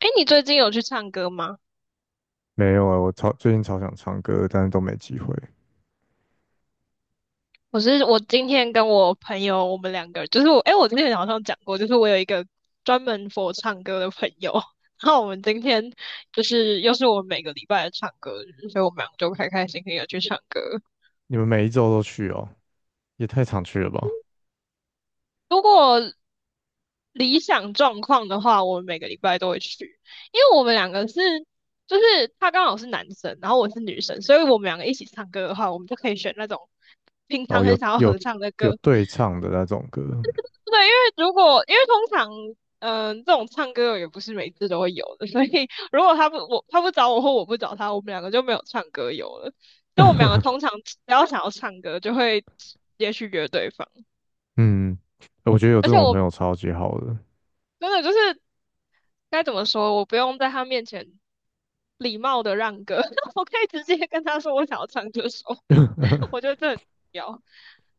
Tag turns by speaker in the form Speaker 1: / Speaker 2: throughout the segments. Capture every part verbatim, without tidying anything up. Speaker 1: 哎，你最近有去唱歌吗？
Speaker 2: 没有啊，我超最近超想唱歌，但是都没机会。
Speaker 1: 我是我今天跟我朋友，我们两个就是我，哎，我今天早上讲过，就是我有一个专门 for 唱歌的朋友，然后我们今天就是又是我们每个礼拜的唱歌日，所以我们两个就开开心心的去唱歌。
Speaker 2: 你们每一周都去哦？也太常去了吧？
Speaker 1: 如果理想状况的话，我们每个礼拜都会去，因为我们两个是就是他刚好是男生，然后我是女生，所以我们两个一起唱歌的话，我们就可以选那种平
Speaker 2: 哦，
Speaker 1: 常很
Speaker 2: 有
Speaker 1: 想要
Speaker 2: 有
Speaker 1: 合唱的
Speaker 2: 有
Speaker 1: 歌。
Speaker 2: 对唱的那种歌。
Speaker 1: 对，因为如果因为通常，嗯、这种唱歌也不是每次都会有的，所以如果他不我他不找我或我不找他，我们两个就没有唱歌友了。就我们两个 通常只要想要唱歌，就会直接去约对方。
Speaker 2: 嗯，我觉得有
Speaker 1: 而
Speaker 2: 这
Speaker 1: 且
Speaker 2: 种
Speaker 1: 我
Speaker 2: 朋友超级好的。
Speaker 1: 真的就是该怎么说，我不用在他面前礼貌的让歌，我可以直接跟他说我想要唱这首，我觉得这很重要。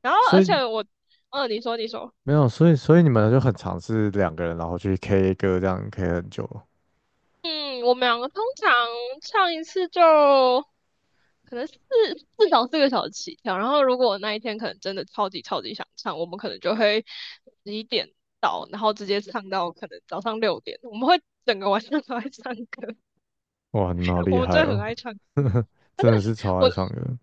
Speaker 1: 然后
Speaker 2: 所
Speaker 1: 而
Speaker 2: 以
Speaker 1: 且我，嗯、你说你说，
Speaker 2: 没有，所以所以你们就很常是两个人，然后去 K 歌，这样 K 很久。
Speaker 1: 嗯，我们两个通常唱一次就。可能四至少四个小时起跳。然后如果我那一天可能真的超级超级想唱，我们可能就会十一点到，然后直接唱到可能早上六点。我们会整个晚上都在唱歌，
Speaker 2: 哇，你们好
Speaker 1: 我
Speaker 2: 厉
Speaker 1: 们
Speaker 2: 害
Speaker 1: 真的很爱
Speaker 2: 哦。
Speaker 1: 唱歌。而且
Speaker 2: 真的是超爱
Speaker 1: 我，
Speaker 2: 唱歌。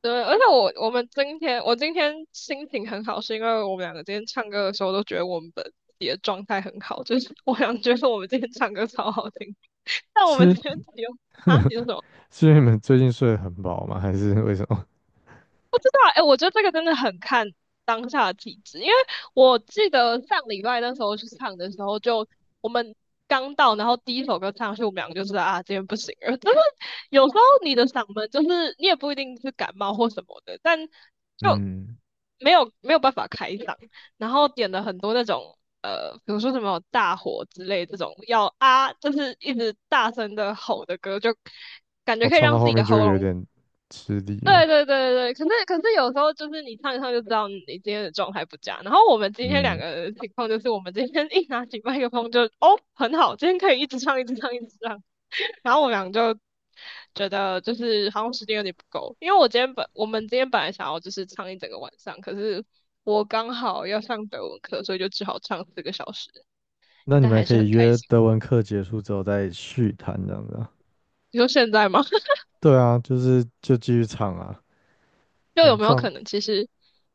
Speaker 1: 对，而且我我们今天我今天心情很好，是因为我们两个今天唱歌的时候都觉得我们本己的状态很好，就是我想觉得我们今天唱歌超好听，但我们
Speaker 2: 是
Speaker 1: 今天只有啊，你说什么？
Speaker 2: 是因为你们最近睡得很饱吗？还是为什么？
Speaker 1: 道，哎，我觉得这个真的很看当下的体质，因为我记得上礼拜那时候去唱的时候就，我们刚到，然后第一首歌唱上去，我们两个就知道啊，今天不行了。就是有时候你的嗓门，就是你也不一定是感冒或什么的，但 就
Speaker 2: 嗯，
Speaker 1: 没有没有办法开嗓，然后点了很多那种。呃，比如说什么大火之类这种要啊，就是一直大声的吼的歌，就感觉
Speaker 2: 我
Speaker 1: 可以
Speaker 2: 唱到
Speaker 1: 让自
Speaker 2: 后
Speaker 1: 己的
Speaker 2: 面就
Speaker 1: 喉
Speaker 2: 有
Speaker 1: 咙
Speaker 2: 点吃力了。
Speaker 1: 对对对对对，可是可是有时候就是你唱一唱就知道你今天的状态不佳。然后我们今天两
Speaker 2: 嗯。
Speaker 1: 个人的情况就是，我们今天 一拿起麦克风就哦很好，今天可以一直唱一直唱一直唱。然后我们俩就觉得就是好像时间有点不够，因为我今天本我们今天本来想要就是唱一整个晚上，可是我刚好要上德文课，所以就只好唱四个小时，
Speaker 2: 那你
Speaker 1: 但
Speaker 2: 们还
Speaker 1: 还
Speaker 2: 可
Speaker 1: 是很
Speaker 2: 以
Speaker 1: 开
Speaker 2: 约
Speaker 1: 心。
Speaker 2: 德文课结束之后再续谈这样子啊？
Speaker 1: 你说现在吗？
Speaker 2: 对啊，就是就继续唱啊，
Speaker 1: 就
Speaker 2: 反
Speaker 1: 有
Speaker 2: 正
Speaker 1: 没有
Speaker 2: 撞
Speaker 1: 可能其实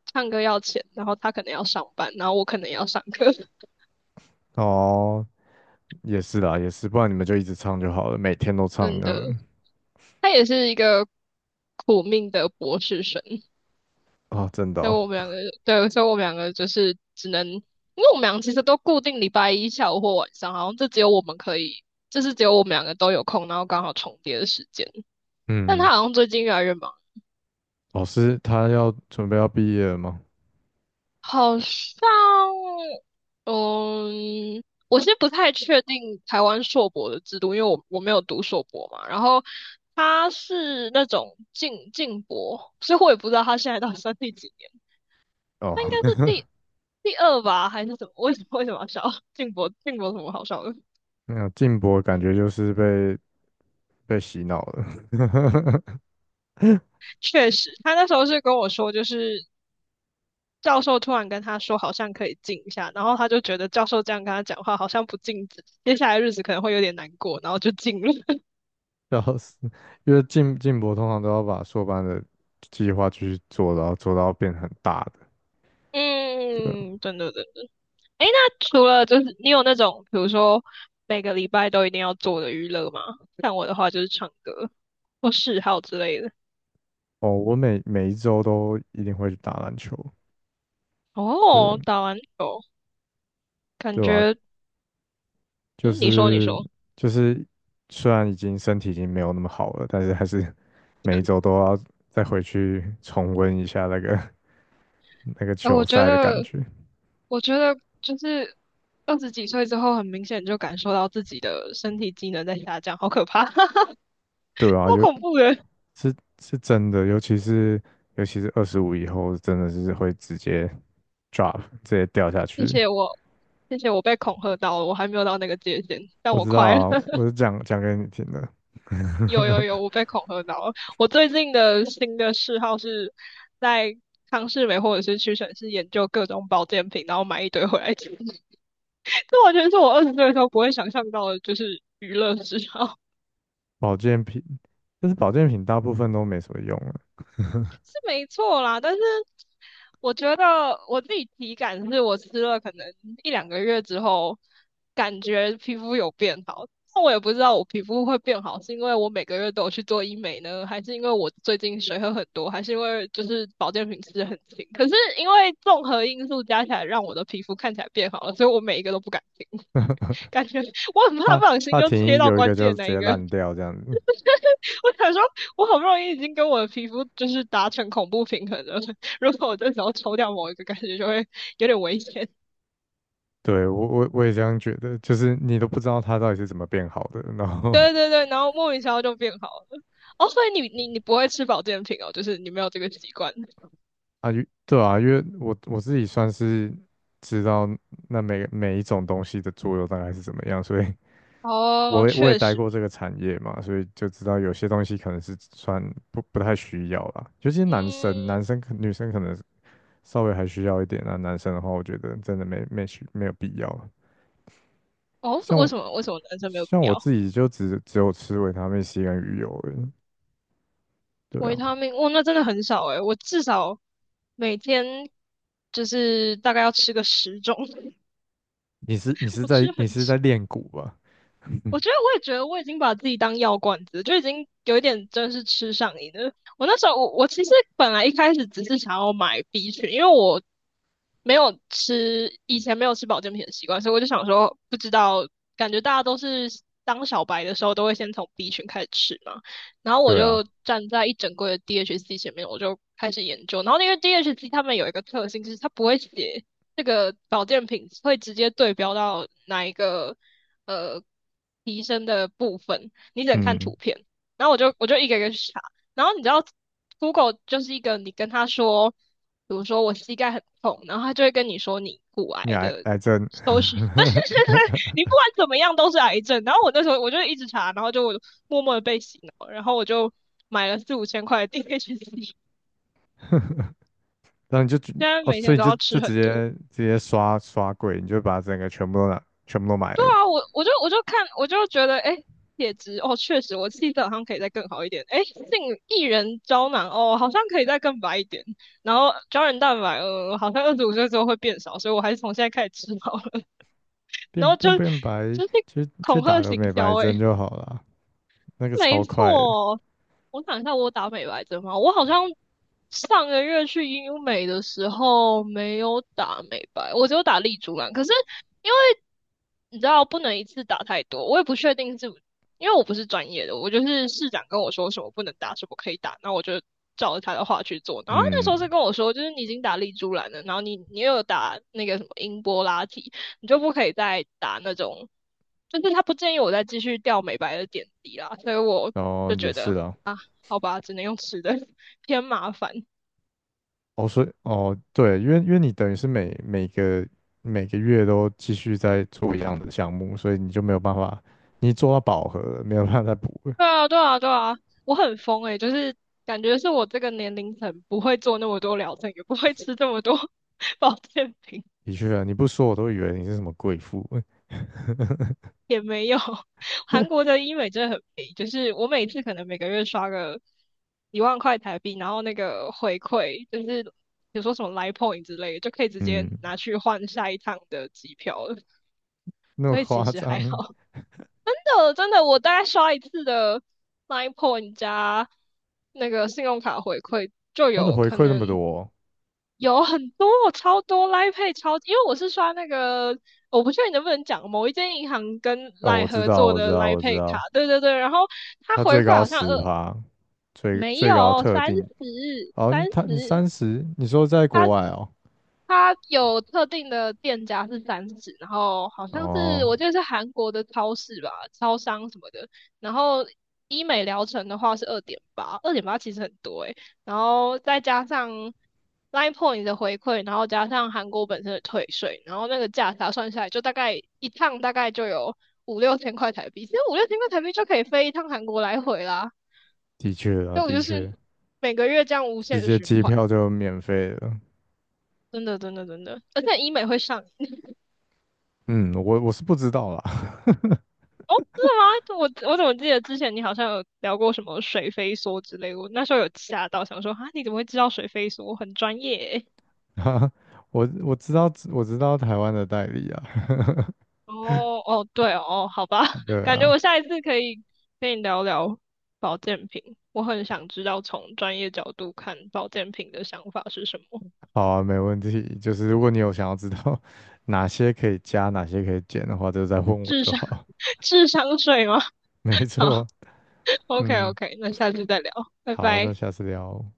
Speaker 1: 唱歌要钱，然后他可能要上班，然后我可能也要上课，
Speaker 2: 哦，也是啦，也是，不然你们就一直唱就好了，每天都唱
Speaker 1: 真
Speaker 2: 这
Speaker 1: 的。
Speaker 2: 样子
Speaker 1: 他也是一个苦命的博士生，
Speaker 2: 啊。真的
Speaker 1: 所以
Speaker 2: 哦。
Speaker 1: 我们两个，对，所以我们两个就是只能，因为我们俩其实都固定礼拜一下午或晚上，好像就只有我们可以，就是只有我们两个都有空，然后刚好重叠的时间。但他
Speaker 2: 嗯，
Speaker 1: 好像最近越来越忙，
Speaker 2: 老师他要准备要毕业了吗？
Speaker 1: 好像，嗯，我其实不太确定台湾硕博的制度，因为我我没有读硕博嘛，然后。他是那种进进博，所以我也不知道他现在到底算第几年。
Speaker 2: 哦。
Speaker 1: 他应该是 第第二吧，还是什么？为什么为什么要笑？静博静博有什么好笑的？
Speaker 2: 没有，静博感觉就是被被洗脑了。
Speaker 1: 确实，他那时候是跟我说，就是教授突然跟他说好像可以静一下，然后他就觉得教授这样跟他讲话好像不静止，接下来日子可能会有点难过，然后就静了。
Speaker 2: 笑死，因为静静博通常都要把硕班的计划继续做，然后做到变很大的。对。
Speaker 1: 嗯，真的真的。诶，那除了就是你有那种，比如说每个礼拜都一定要做的娱乐吗？像我的话就是唱歌或嗜好之类的。
Speaker 2: 哦，我每每一周都一定会去打篮球，
Speaker 1: 哦，
Speaker 2: 对，
Speaker 1: 打篮球，感
Speaker 2: 对吧？
Speaker 1: 觉
Speaker 2: 就
Speaker 1: 嗯，你说你
Speaker 2: 是
Speaker 1: 说。
Speaker 2: 就是，虽然已经身体已经没有那么好了，但是还是每一周都要再回去重温一下那个 那个
Speaker 1: 哎，我
Speaker 2: 球
Speaker 1: 觉
Speaker 2: 赛的感
Speaker 1: 得，
Speaker 2: 觉。
Speaker 1: 我觉得就是二十几岁之后，很明显就感受到自己的身体机能在下降，好可怕，
Speaker 2: 对啊，
Speaker 1: 好
Speaker 2: 就
Speaker 1: 恐怖的。
Speaker 2: 是是真的。尤其是尤其是二十五以后，真的是会直接 drop 直接掉下
Speaker 1: 谢
Speaker 2: 去。
Speaker 1: 谢我，谢谢我被恐吓到了，我还没有到那个界限，但
Speaker 2: 我
Speaker 1: 我
Speaker 2: 知道
Speaker 1: 快了。
Speaker 2: 啊，我 是讲讲给你听的。
Speaker 1: 有 有有，我被恐吓到了。我最近的新的嗜好是在康士美或者是屈臣氏研究各种保健品，然后买一堆回来吃。这完全是我二十岁的时候不会想象到的，就是娱乐嗜好。
Speaker 2: 保健品，但是保健品大部分都没什么用。
Speaker 1: 没错啦，但是我觉得我自己体感是我吃了可能一两个月之后，感觉皮肤有变好。那我也不知道我皮肤会变好，是因为我每个月都有去做医美呢，还是因为我最近水喝很多，还是因为就是保健品吃的很勤？可是因为综合因素加起来，让我的皮肤看起来变好了，所以我每一个都不敢停，感觉 我很怕
Speaker 2: 啊，
Speaker 1: 不小心
Speaker 2: 帕
Speaker 1: 就切
Speaker 2: 停，
Speaker 1: 到
Speaker 2: 有一个
Speaker 1: 关
Speaker 2: 就
Speaker 1: 键
Speaker 2: 直
Speaker 1: 那一
Speaker 2: 接
Speaker 1: 个。
Speaker 2: 烂掉这样子。
Speaker 1: 我想说，我好不容易已经跟我的皮肤就是达成恐怖平衡了，如果我这时候抽掉某一个，感觉就会有点危险。
Speaker 2: 对，我我我也这样觉得，就是你都不知道它到底是怎么变好的。然后
Speaker 1: 对对对，然后莫名其妙就变好了。哦，所以你你你不会吃保健品哦，就是你没有这个习惯。
Speaker 2: 啊，因对啊，因为我我自己算是知道那每每一种东西的作用大概是怎么样，所以
Speaker 1: 哦，
Speaker 2: 我也我也
Speaker 1: 确
Speaker 2: 待
Speaker 1: 实，
Speaker 2: 过这个产业嘛，所以就知道有些东西可能是算不不太需要啦，尤其是男生，
Speaker 1: 嗯，
Speaker 2: 男生可女生可能稍微还需要一点啊。男生的话，我觉得真的没没需没有必要。
Speaker 1: 哦，为
Speaker 2: 像
Speaker 1: 什么为什么男生没有
Speaker 2: 像
Speaker 1: 必要？
Speaker 2: 我自己就只只有吃维他命 C 跟鱼油而已。对
Speaker 1: 维
Speaker 2: 啊，
Speaker 1: 他命，哦，那真的很少诶，我至少每天就是大概要吃个十种，
Speaker 2: 你是你是
Speaker 1: 我
Speaker 2: 在
Speaker 1: 吃很
Speaker 2: 你是在练骨吧？
Speaker 1: 我觉得我也觉得我已经把自己当药罐子，就已经有一点真是吃上瘾了。我那时候我我其实本来一开始只是想要买 B 群，因为我没有吃以前没有吃保健品的习惯，所以我就想说不知道，感觉大家都是当小白的时候都会先从 B 群开始吃嘛。然后我
Speaker 2: 对啊。
Speaker 1: 就站在一整柜的 D H C 前面，我就开始研究。然后因为 D H C 他们有一个特性，就是它不会写这个保健品会直接对标到哪一个。呃提升的部分，你只能看
Speaker 2: 嗯，
Speaker 1: 图片。然后我就我就一个一个去查，然后你知道 Google 就是一个你跟他说，比如说我膝盖很痛，然后他就会跟你说你骨
Speaker 2: 你
Speaker 1: 癌
Speaker 2: 癌
Speaker 1: 的
Speaker 2: 癌症。
Speaker 1: 搜寻，但是你不管怎么样都是癌症。然后我那时候我就一直查，然后就默默的被洗脑，然后我就买了四五千块的 D H C，
Speaker 2: 然后你就觉
Speaker 1: 现在
Speaker 2: 哦，
Speaker 1: 每
Speaker 2: 所
Speaker 1: 天
Speaker 2: 以你
Speaker 1: 都
Speaker 2: 就
Speaker 1: 要吃
Speaker 2: 就
Speaker 1: 很
Speaker 2: 直
Speaker 1: 多。
Speaker 2: 接直接刷刷柜，你就把整个全部都拿全部都买
Speaker 1: 对
Speaker 2: 了。
Speaker 1: 啊，我我就我就看我就觉得，哎，铁质哦，确实我气色好像可以再更好一点。哎，杏薏仁胶囊哦，好像可以再更白一点。然后胶原蛋白，呃，好像二十五岁之后会变少，所以我还是从现在开始吃好了。然
Speaker 2: 变
Speaker 1: 后
Speaker 2: 变
Speaker 1: 就
Speaker 2: 变白，
Speaker 1: 就是
Speaker 2: 去去
Speaker 1: 恐
Speaker 2: 打
Speaker 1: 吓
Speaker 2: 个
Speaker 1: 行
Speaker 2: 美白
Speaker 1: 销，哎，
Speaker 2: 针就好了，那个
Speaker 1: 没
Speaker 2: 超快的。
Speaker 1: 错。我想一下，我打美白针吗？我好像上个月去医美的时候没有打美白，我只有打丽珠兰。可是因为你知道不能一次打太多，我也不确定是因为我不是专业的，我就是市长跟我说什么不能打，什么可以打，那我就照着他的话去做。然后他那时候是
Speaker 2: 嗯，
Speaker 1: 跟我说，就是你已经打丽珠兰了，然后你你又有打那个什么英波拉提，你就不可以再打那种，就是他不建议我再继续掉美白的点滴啦，所以我
Speaker 2: 然后
Speaker 1: 就
Speaker 2: 也
Speaker 1: 觉
Speaker 2: 是
Speaker 1: 得
Speaker 2: 啦。
Speaker 1: 好吧，只能用吃的，偏麻烦。
Speaker 2: 哦，所以哦，对，因为因为你等于是每每个每个月都继续在做一样的项目，所以你就没有办法，你做到饱和了没有办法再补了。
Speaker 1: 对啊，对啊，对啊，我很疯诶、就是感觉是我这个年龄层不会做那么多疗程，也不会吃这么多 保健品，
Speaker 2: 的确啊，你不说我都以为你是什么贵妇。
Speaker 1: 也没有。韩国的医美真的很便宜，就是我每次可能每个月刷个一万块台币，然后那个回馈就是比如说什么 Line Point 之类的，就可以直接
Speaker 2: 嗯，
Speaker 1: 拿去换下一趟的机票了，
Speaker 2: 那么
Speaker 1: 所以其
Speaker 2: 夸
Speaker 1: 实还
Speaker 2: 张。
Speaker 1: 好。真的，真的，我大概刷一次的 Line Point 加那个信用卡回馈，就
Speaker 2: 他的
Speaker 1: 有
Speaker 2: 回
Speaker 1: 可
Speaker 2: 馈那
Speaker 1: 能。
Speaker 2: 么多。
Speaker 1: 有很多，超多 l i Pay 超，因为我是刷那个，我不确定能不能讲某一间银行跟
Speaker 2: 哦，我
Speaker 1: Line
Speaker 2: 知
Speaker 1: 合
Speaker 2: 道，
Speaker 1: 作
Speaker 2: 我知
Speaker 1: 的 l
Speaker 2: 道，
Speaker 1: i
Speaker 2: 我知
Speaker 1: Pay 卡，
Speaker 2: 道，
Speaker 1: 对对对，然后它
Speaker 2: 他
Speaker 1: 回
Speaker 2: 最
Speaker 1: 馈
Speaker 2: 高
Speaker 1: 好像
Speaker 2: 十
Speaker 1: 呃
Speaker 2: 趴，最
Speaker 1: 没
Speaker 2: 最高
Speaker 1: 有
Speaker 2: 特
Speaker 1: 三十
Speaker 2: 定。哦，你
Speaker 1: 三十
Speaker 2: 他
Speaker 1: 三
Speaker 2: 你
Speaker 1: 十
Speaker 2: 三十？你说在国外哦？
Speaker 1: 它有特定的店家是三十，然后好像是
Speaker 2: 哦，
Speaker 1: 我记得是韩国的超市吧，超商什么的。然后医美疗程的话是二点八，二点八其实很多诶、然后再加上 Line Point 的回馈，然后加上韩国本身的退税，然后那个价差算下来，就大概一趟大概就有五六千块台币。其实五六千块台币就可以飞一趟韩国来回啦。
Speaker 2: 的确啊，
Speaker 1: 所以我
Speaker 2: 的
Speaker 1: 就是
Speaker 2: 确，
Speaker 1: 每个月这样无
Speaker 2: 直
Speaker 1: 限的
Speaker 2: 接
Speaker 1: 循
Speaker 2: 机
Speaker 1: 环，
Speaker 2: 票就免费了。
Speaker 1: 真的真的真的，而且医美会上
Speaker 2: 嗯，我我是不知道啦。
Speaker 1: 吗？我我怎么记得之前你好像有聊过什么水飞梭之类的，我那时候有吓到，想说啊，你怎么会知道水飞梭？我很专业欸。
Speaker 2: 我我知道我知道台湾的代理啊。
Speaker 1: 哦哦，对哦，好吧，
Speaker 2: 对
Speaker 1: 感觉
Speaker 2: 啊，
Speaker 1: 我下一次可以跟你聊聊保健品，我很想知道从专业角度看保健品的想法是什么。
Speaker 2: 好啊，没问题。就是如果你有想要知道 哪些可以加，哪些可以减的话，就再问我
Speaker 1: 智
Speaker 2: 就
Speaker 1: 商
Speaker 2: 好。
Speaker 1: 智商税吗？
Speaker 2: 没
Speaker 1: 好
Speaker 2: 错。
Speaker 1: ，OK
Speaker 2: 嗯，
Speaker 1: OK，那下次再聊，拜
Speaker 2: 好，那
Speaker 1: 拜。
Speaker 2: 下次聊哦。